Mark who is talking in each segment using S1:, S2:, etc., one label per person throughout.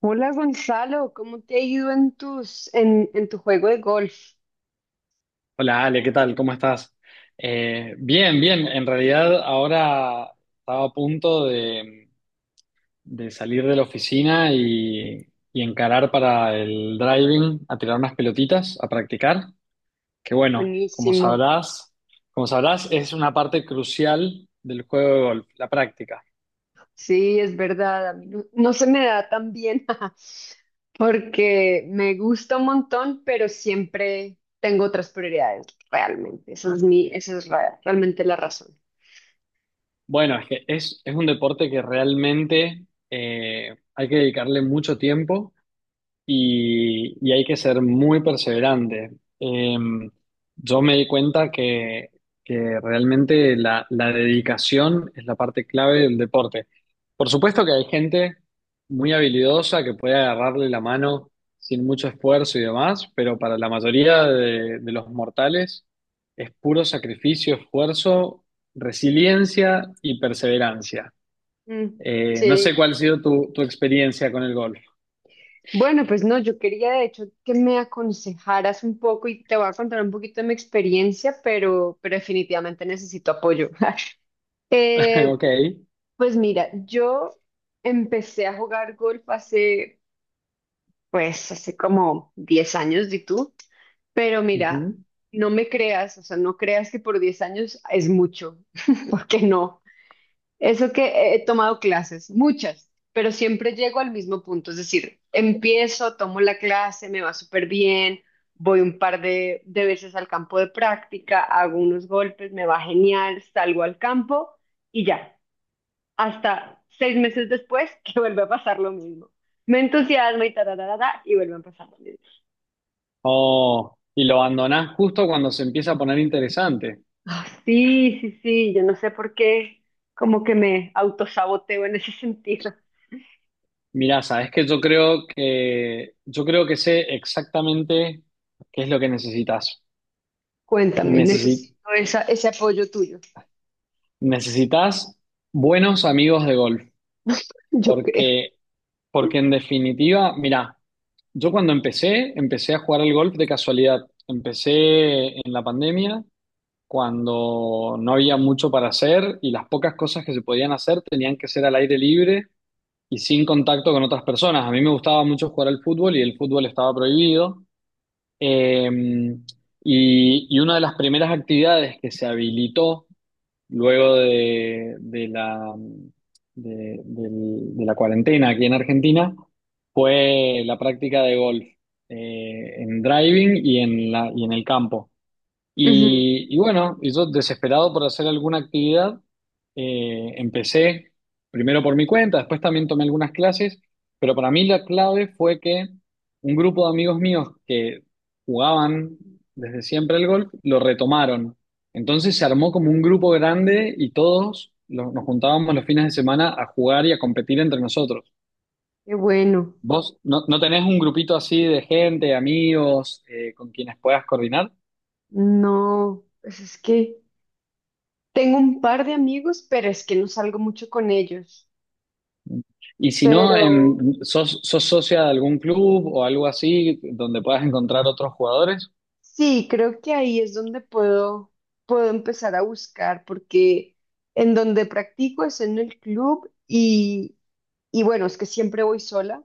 S1: Hola Gonzalo, ¿cómo te ha ido en tu juego de golf?
S2: Hola Ale, ¿qué tal? ¿Cómo estás? Bien, bien. En realidad ahora estaba a punto de salir de la oficina y encarar para el driving a tirar unas pelotitas, a practicar. Que bueno,
S1: Buenísimo.
S2: como sabrás, es una parte crucial del juego de golf, la práctica.
S1: Sí, es verdad, a mí no se me da tan bien porque me gusta un montón, pero siempre tengo otras prioridades, realmente. Esa es realmente la razón.
S2: Bueno, es que es un deporte que realmente hay que dedicarle mucho tiempo y hay que ser muy perseverante. Eh, yo me di cuenta que realmente la dedicación es la parte clave del deporte. Por supuesto que hay gente muy habilidosa que puede agarrarle la mano sin mucho esfuerzo y demás, pero para la mayoría de los mortales es puro sacrificio, esfuerzo, resiliencia y perseverancia.
S1: Mm,
S2: No sé
S1: sí.
S2: cuál ha sido tu experiencia con el golf.
S1: Bueno, pues no, yo quería de hecho que me aconsejaras un poco y te voy a contar un poquito de mi experiencia, pero definitivamente necesito apoyo.
S2: Ok.
S1: Pues mira, yo empecé a jugar golf hace, pues, hace como 10 años, ¿y tú? Pero mira,
S2: Ujú.
S1: no me creas, o sea, no creas que por 10 años es mucho, porque no. Eso que he tomado clases, muchas, pero siempre llego al mismo punto, es decir, empiezo, tomo la clase, me va súper bien, voy un par de veces al campo de práctica, hago unos golpes, me va genial, salgo al campo y ya hasta 6 meses después que vuelve a pasar lo mismo. Me entusiasma y tararara, y vuelve a pasar lo mismo.
S2: Oh, y lo abandonás justo cuando se empieza a poner interesante.
S1: Ah, sí, sí, sí, yo no sé por qué como que me autosaboteo en ese sentido.
S2: Mirá, sabes que yo creo que sé exactamente qué es lo que necesitas.
S1: Cuéntame,
S2: Necesi-
S1: necesito ese apoyo tuyo.
S2: necesitas buenos amigos de golf,
S1: Yo creo.
S2: porque porque en definitiva, mirá, yo cuando empecé, empecé a jugar al golf de casualidad. Empecé en la pandemia cuando no había mucho para hacer y las pocas cosas que se podían hacer tenían que ser al aire libre y sin contacto con otras personas. A mí me gustaba mucho jugar al fútbol y el fútbol estaba prohibido. Eh, y una de las primeras actividades que se habilitó luego de la cuarentena aquí en Argentina fue la práctica de golf en driving y en y en el campo.
S1: Ujú.
S2: Y bueno, y yo desesperado por hacer alguna actividad, empecé primero por mi cuenta, después también tomé algunas clases, pero para mí la clave fue que un grupo de amigos míos que jugaban desde siempre el golf, lo retomaron. Entonces se armó como un grupo grande y nos juntábamos los fines de semana a jugar y a competir entre nosotros.
S1: Qué bueno.
S2: ¿Vos no tenés un grupito así de gente, amigos, con quienes puedas coordinar?
S1: No, pues es que tengo un par de amigos, pero es que no salgo mucho con ellos.
S2: Y si no,
S1: Pero
S2: sos socia de algún club o algo así donde puedas encontrar otros jugadores?
S1: sí, creo que ahí es donde puedo empezar a buscar, porque en donde practico es en el club y bueno, es que siempre voy sola,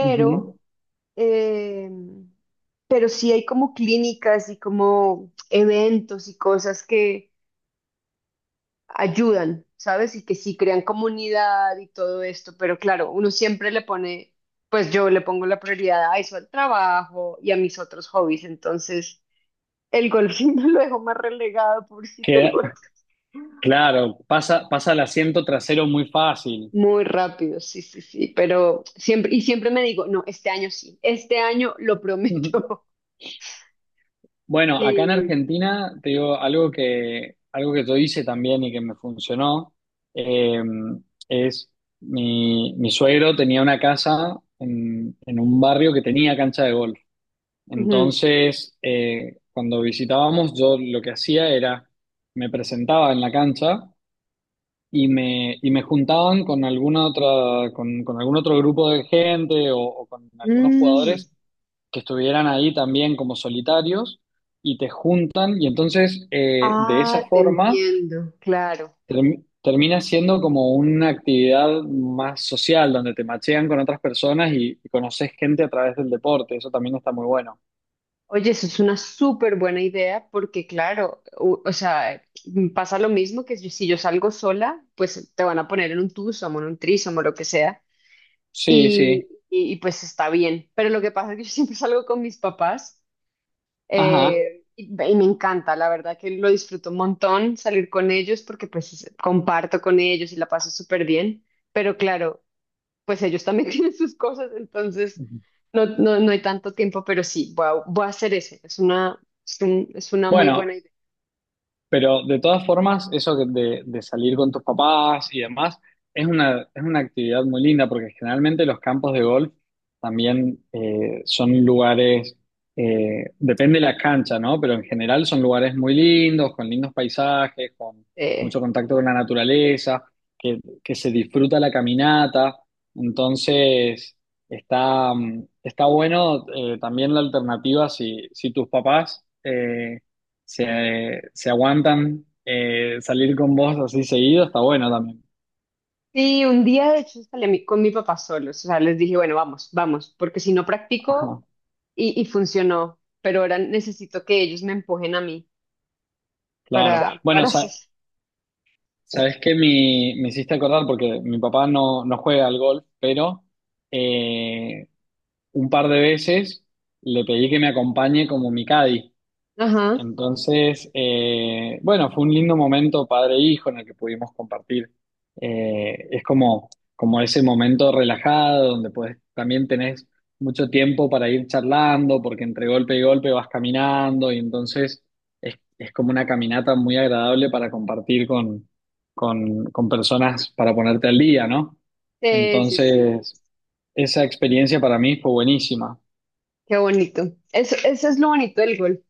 S2: Ujú.
S1: eh, pero sí hay como clínicas y como eventos y cosas que ayudan, ¿sabes? Y que sí crean comunidad y todo esto, pero claro, uno siempre le pone, pues yo le pongo la prioridad a eso, al trabajo y a mis otros hobbies, entonces... El golfito lo dejó más relegado, pobrecito el
S2: Que,
S1: golf.
S2: claro, pasa, pasa el asiento trasero muy fácil.
S1: Muy rápido, sí, sí, sí, pero siempre, y siempre me digo, no, este año sí, este año lo prometo.
S2: Bueno, acá en
S1: Y,
S2: Argentina, te digo, algo que yo hice también y que me funcionó, eh, es mi suegro tenía una casa en un barrio que tenía cancha de golf.
S1: ujú.
S2: Entonces, cuando visitábamos, yo lo que hacía me presentaba en la cancha y me juntaban con con algún otro grupo de gente o con algunos
S1: Mm,
S2: jugadores
S1: sí.
S2: que estuvieran ahí también como solitarios y te juntan y entonces de esa
S1: Ah, te
S2: forma
S1: entiendo, claro.
S2: termina siendo como una actividad más social donde te machean con otras personas y conoces gente a través del deporte. Eso también está muy bueno.
S1: Oye, eso es una súper buena idea porque, claro, sea, mm, pasa lo mismo que si yo salgo sola, pues te van a poner en un twosome, en un threesome o lo que sea,
S2: Sí, sí.
S1: y pues está bien. Pero lo que pasa es que yo siempre salgo con mis papás.
S2: Ajá.
S1: Y me encanta, la verdad que lo disfruto un montón salir con ellos porque comparto con ellos y la paso súper bien, pero claro, pues ellos también tienen sus cosas, entonces
S2: Ujú.
S1: no hay tanto tiempo, pero sí, voy a hacer es una muy buena
S2: Bueno,
S1: idea.
S2: pero de todas formas, eso que de salir con tus papás y demás, es es una actividad muy linda porque generalmente los campos de golf también son lugares, depende de la cancha, ¿no? Pero en general son lugares muy lindos, con lindos paisajes, con mucho
S1: Eh,
S2: contacto con la naturaleza, que se disfruta la caminata. Entonces, está, está bueno también la alternativa si tus papás... se aguantan salir con vos así seguido, está bueno también.
S1: sí, un día de hecho con mi papá solos, o sea, les dije, bueno, vamos, vamos, porque si no practico
S2: Ajá,
S1: y funcionó, pero ahora necesito que ellos me empujen a mí para,
S2: claro.
S1: claro,
S2: Bueno,
S1: para hacer.
S2: sabes que mi, me hiciste acordar porque mi papá no juega al golf, pero eh, un par de veces le pedí que me acompañe como mi caddy.
S1: Ajá.
S2: Entonces, bueno, fue un lindo momento padre e hijo en el que pudimos compartir. Es como, como ese momento relajado donde pues también tenés mucho tiempo para ir charlando, porque entre golpe y golpe vas caminando y entonces es como una caminata muy agradable para compartir con personas para ponerte al día, ¿no?
S1: Sí, sí, sí,
S2: Entonces, esa experiencia para mí fue buenísima,
S1: qué bonito. Eso es lo bonito del golf,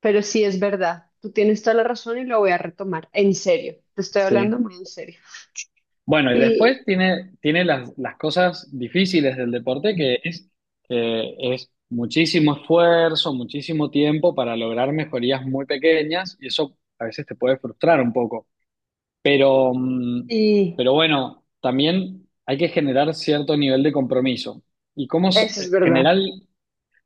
S1: pero sí es verdad. Tú tienes toda la razón y lo voy a retomar. En serio, te estoy
S2: sí.
S1: hablando muy en serio.
S2: Bueno, y
S1: Y,
S2: después tiene, tiene las cosas difíciles del deporte, que es muchísimo esfuerzo, muchísimo tiempo para lograr mejorías muy pequeñas, y eso a veces te puede frustrar un poco. Pero,
S1: y
S2: pero bueno, también hay que generar cierto nivel de compromiso. Y como
S1: eso es verdad.
S2: general,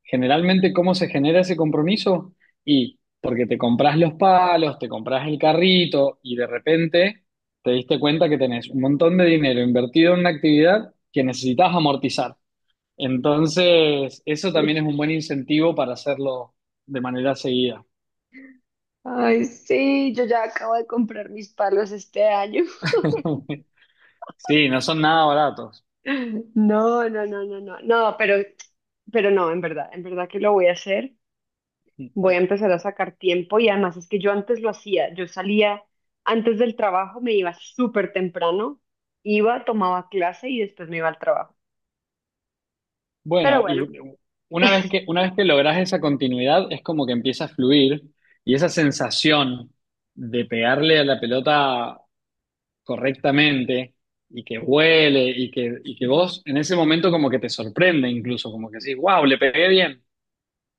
S2: Generalmente, ¿cómo se genera ese compromiso? Y porque te compras los palos, te compras el carrito y de repente te diste cuenta que tenés un montón de dinero invertido en una actividad que necesitas amortizar. Entonces, eso también
S1: Sí.
S2: es un buen incentivo para hacerlo de manera seguida.
S1: Ay, sí, yo ya acabo de comprar mis palos este año.
S2: Sí, no son nada baratos.
S1: No, no, no, no, no, no, pero no, en verdad que lo voy a hacer. Voy a empezar a sacar tiempo y además es que yo antes lo hacía, yo salía antes del trabajo, me iba súper temprano, iba, tomaba clase y después me iba al trabajo. Pero
S2: Bueno,
S1: bueno,
S2: y una vez que logras esa continuidad, es como que empieza a fluir y esa sensación de pegarle a la pelota correctamente y que huele y que vos en ese momento como que te sorprende incluso, como que decís, wow, le pegué bien,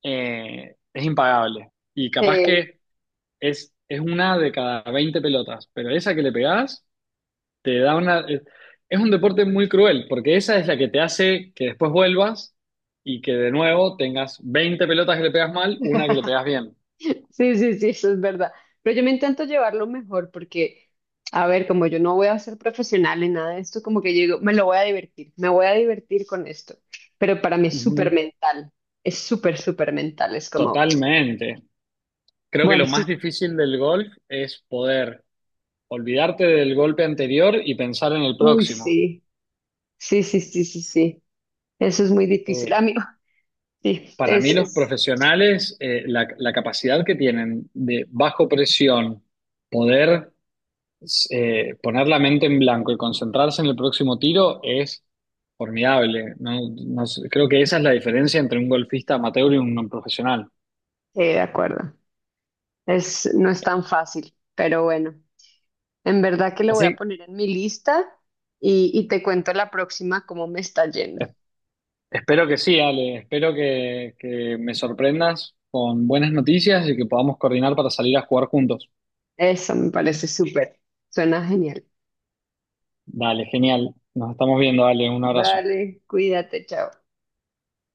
S2: es impagable. Y capaz
S1: eh,
S2: que es una de cada 20 pelotas, pero esa que le pegás te da una... es un deporte muy cruel, porque esa es la que te hace que después vuelvas y que de nuevo tengas 20 pelotas que le pegas mal, una que le pegas bien.
S1: sí, sí, sí, eso es verdad. Pero yo me intento llevarlo mejor porque, a ver, como yo no voy a ser profesional en nada de esto, como que yo digo, me voy a divertir con esto. Pero para mí es súper
S2: Ujú.
S1: mental, es súper, súper mental, es como,
S2: Totalmente. Creo que
S1: bueno,
S2: lo
S1: sí,
S2: más difícil del golf es poder olvidarte del golpe anterior y pensar en el
S1: uy,
S2: próximo.
S1: sí, sí, sí, sí, sí, sí. Eso es muy difícil.
S2: Eh,
S1: A mí, Sí,
S2: para
S1: es,
S2: mí los
S1: es-
S2: profesionales, la capacidad que tienen de bajo presión poder poner la mente en blanco y concentrarse en el próximo tiro es formidable. No, No sé, creo que esa es la diferencia entre un golfista amateur y un no profesional.
S1: sí, de acuerdo. Es, no es tan fácil, pero bueno, en verdad que lo voy a
S2: Así,
S1: poner en mi lista y te cuento la próxima cómo me está
S2: es-
S1: yendo.
S2: espero que sí, Ale, espero que me sorprendas con buenas noticias y que podamos coordinar para salir a jugar juntos.
S1: Eso me parece súper, suena genial.
S2: Dale, genial. Nos estamos viendo, dale, un abrazo.
S1: Vale, cuídate, chao.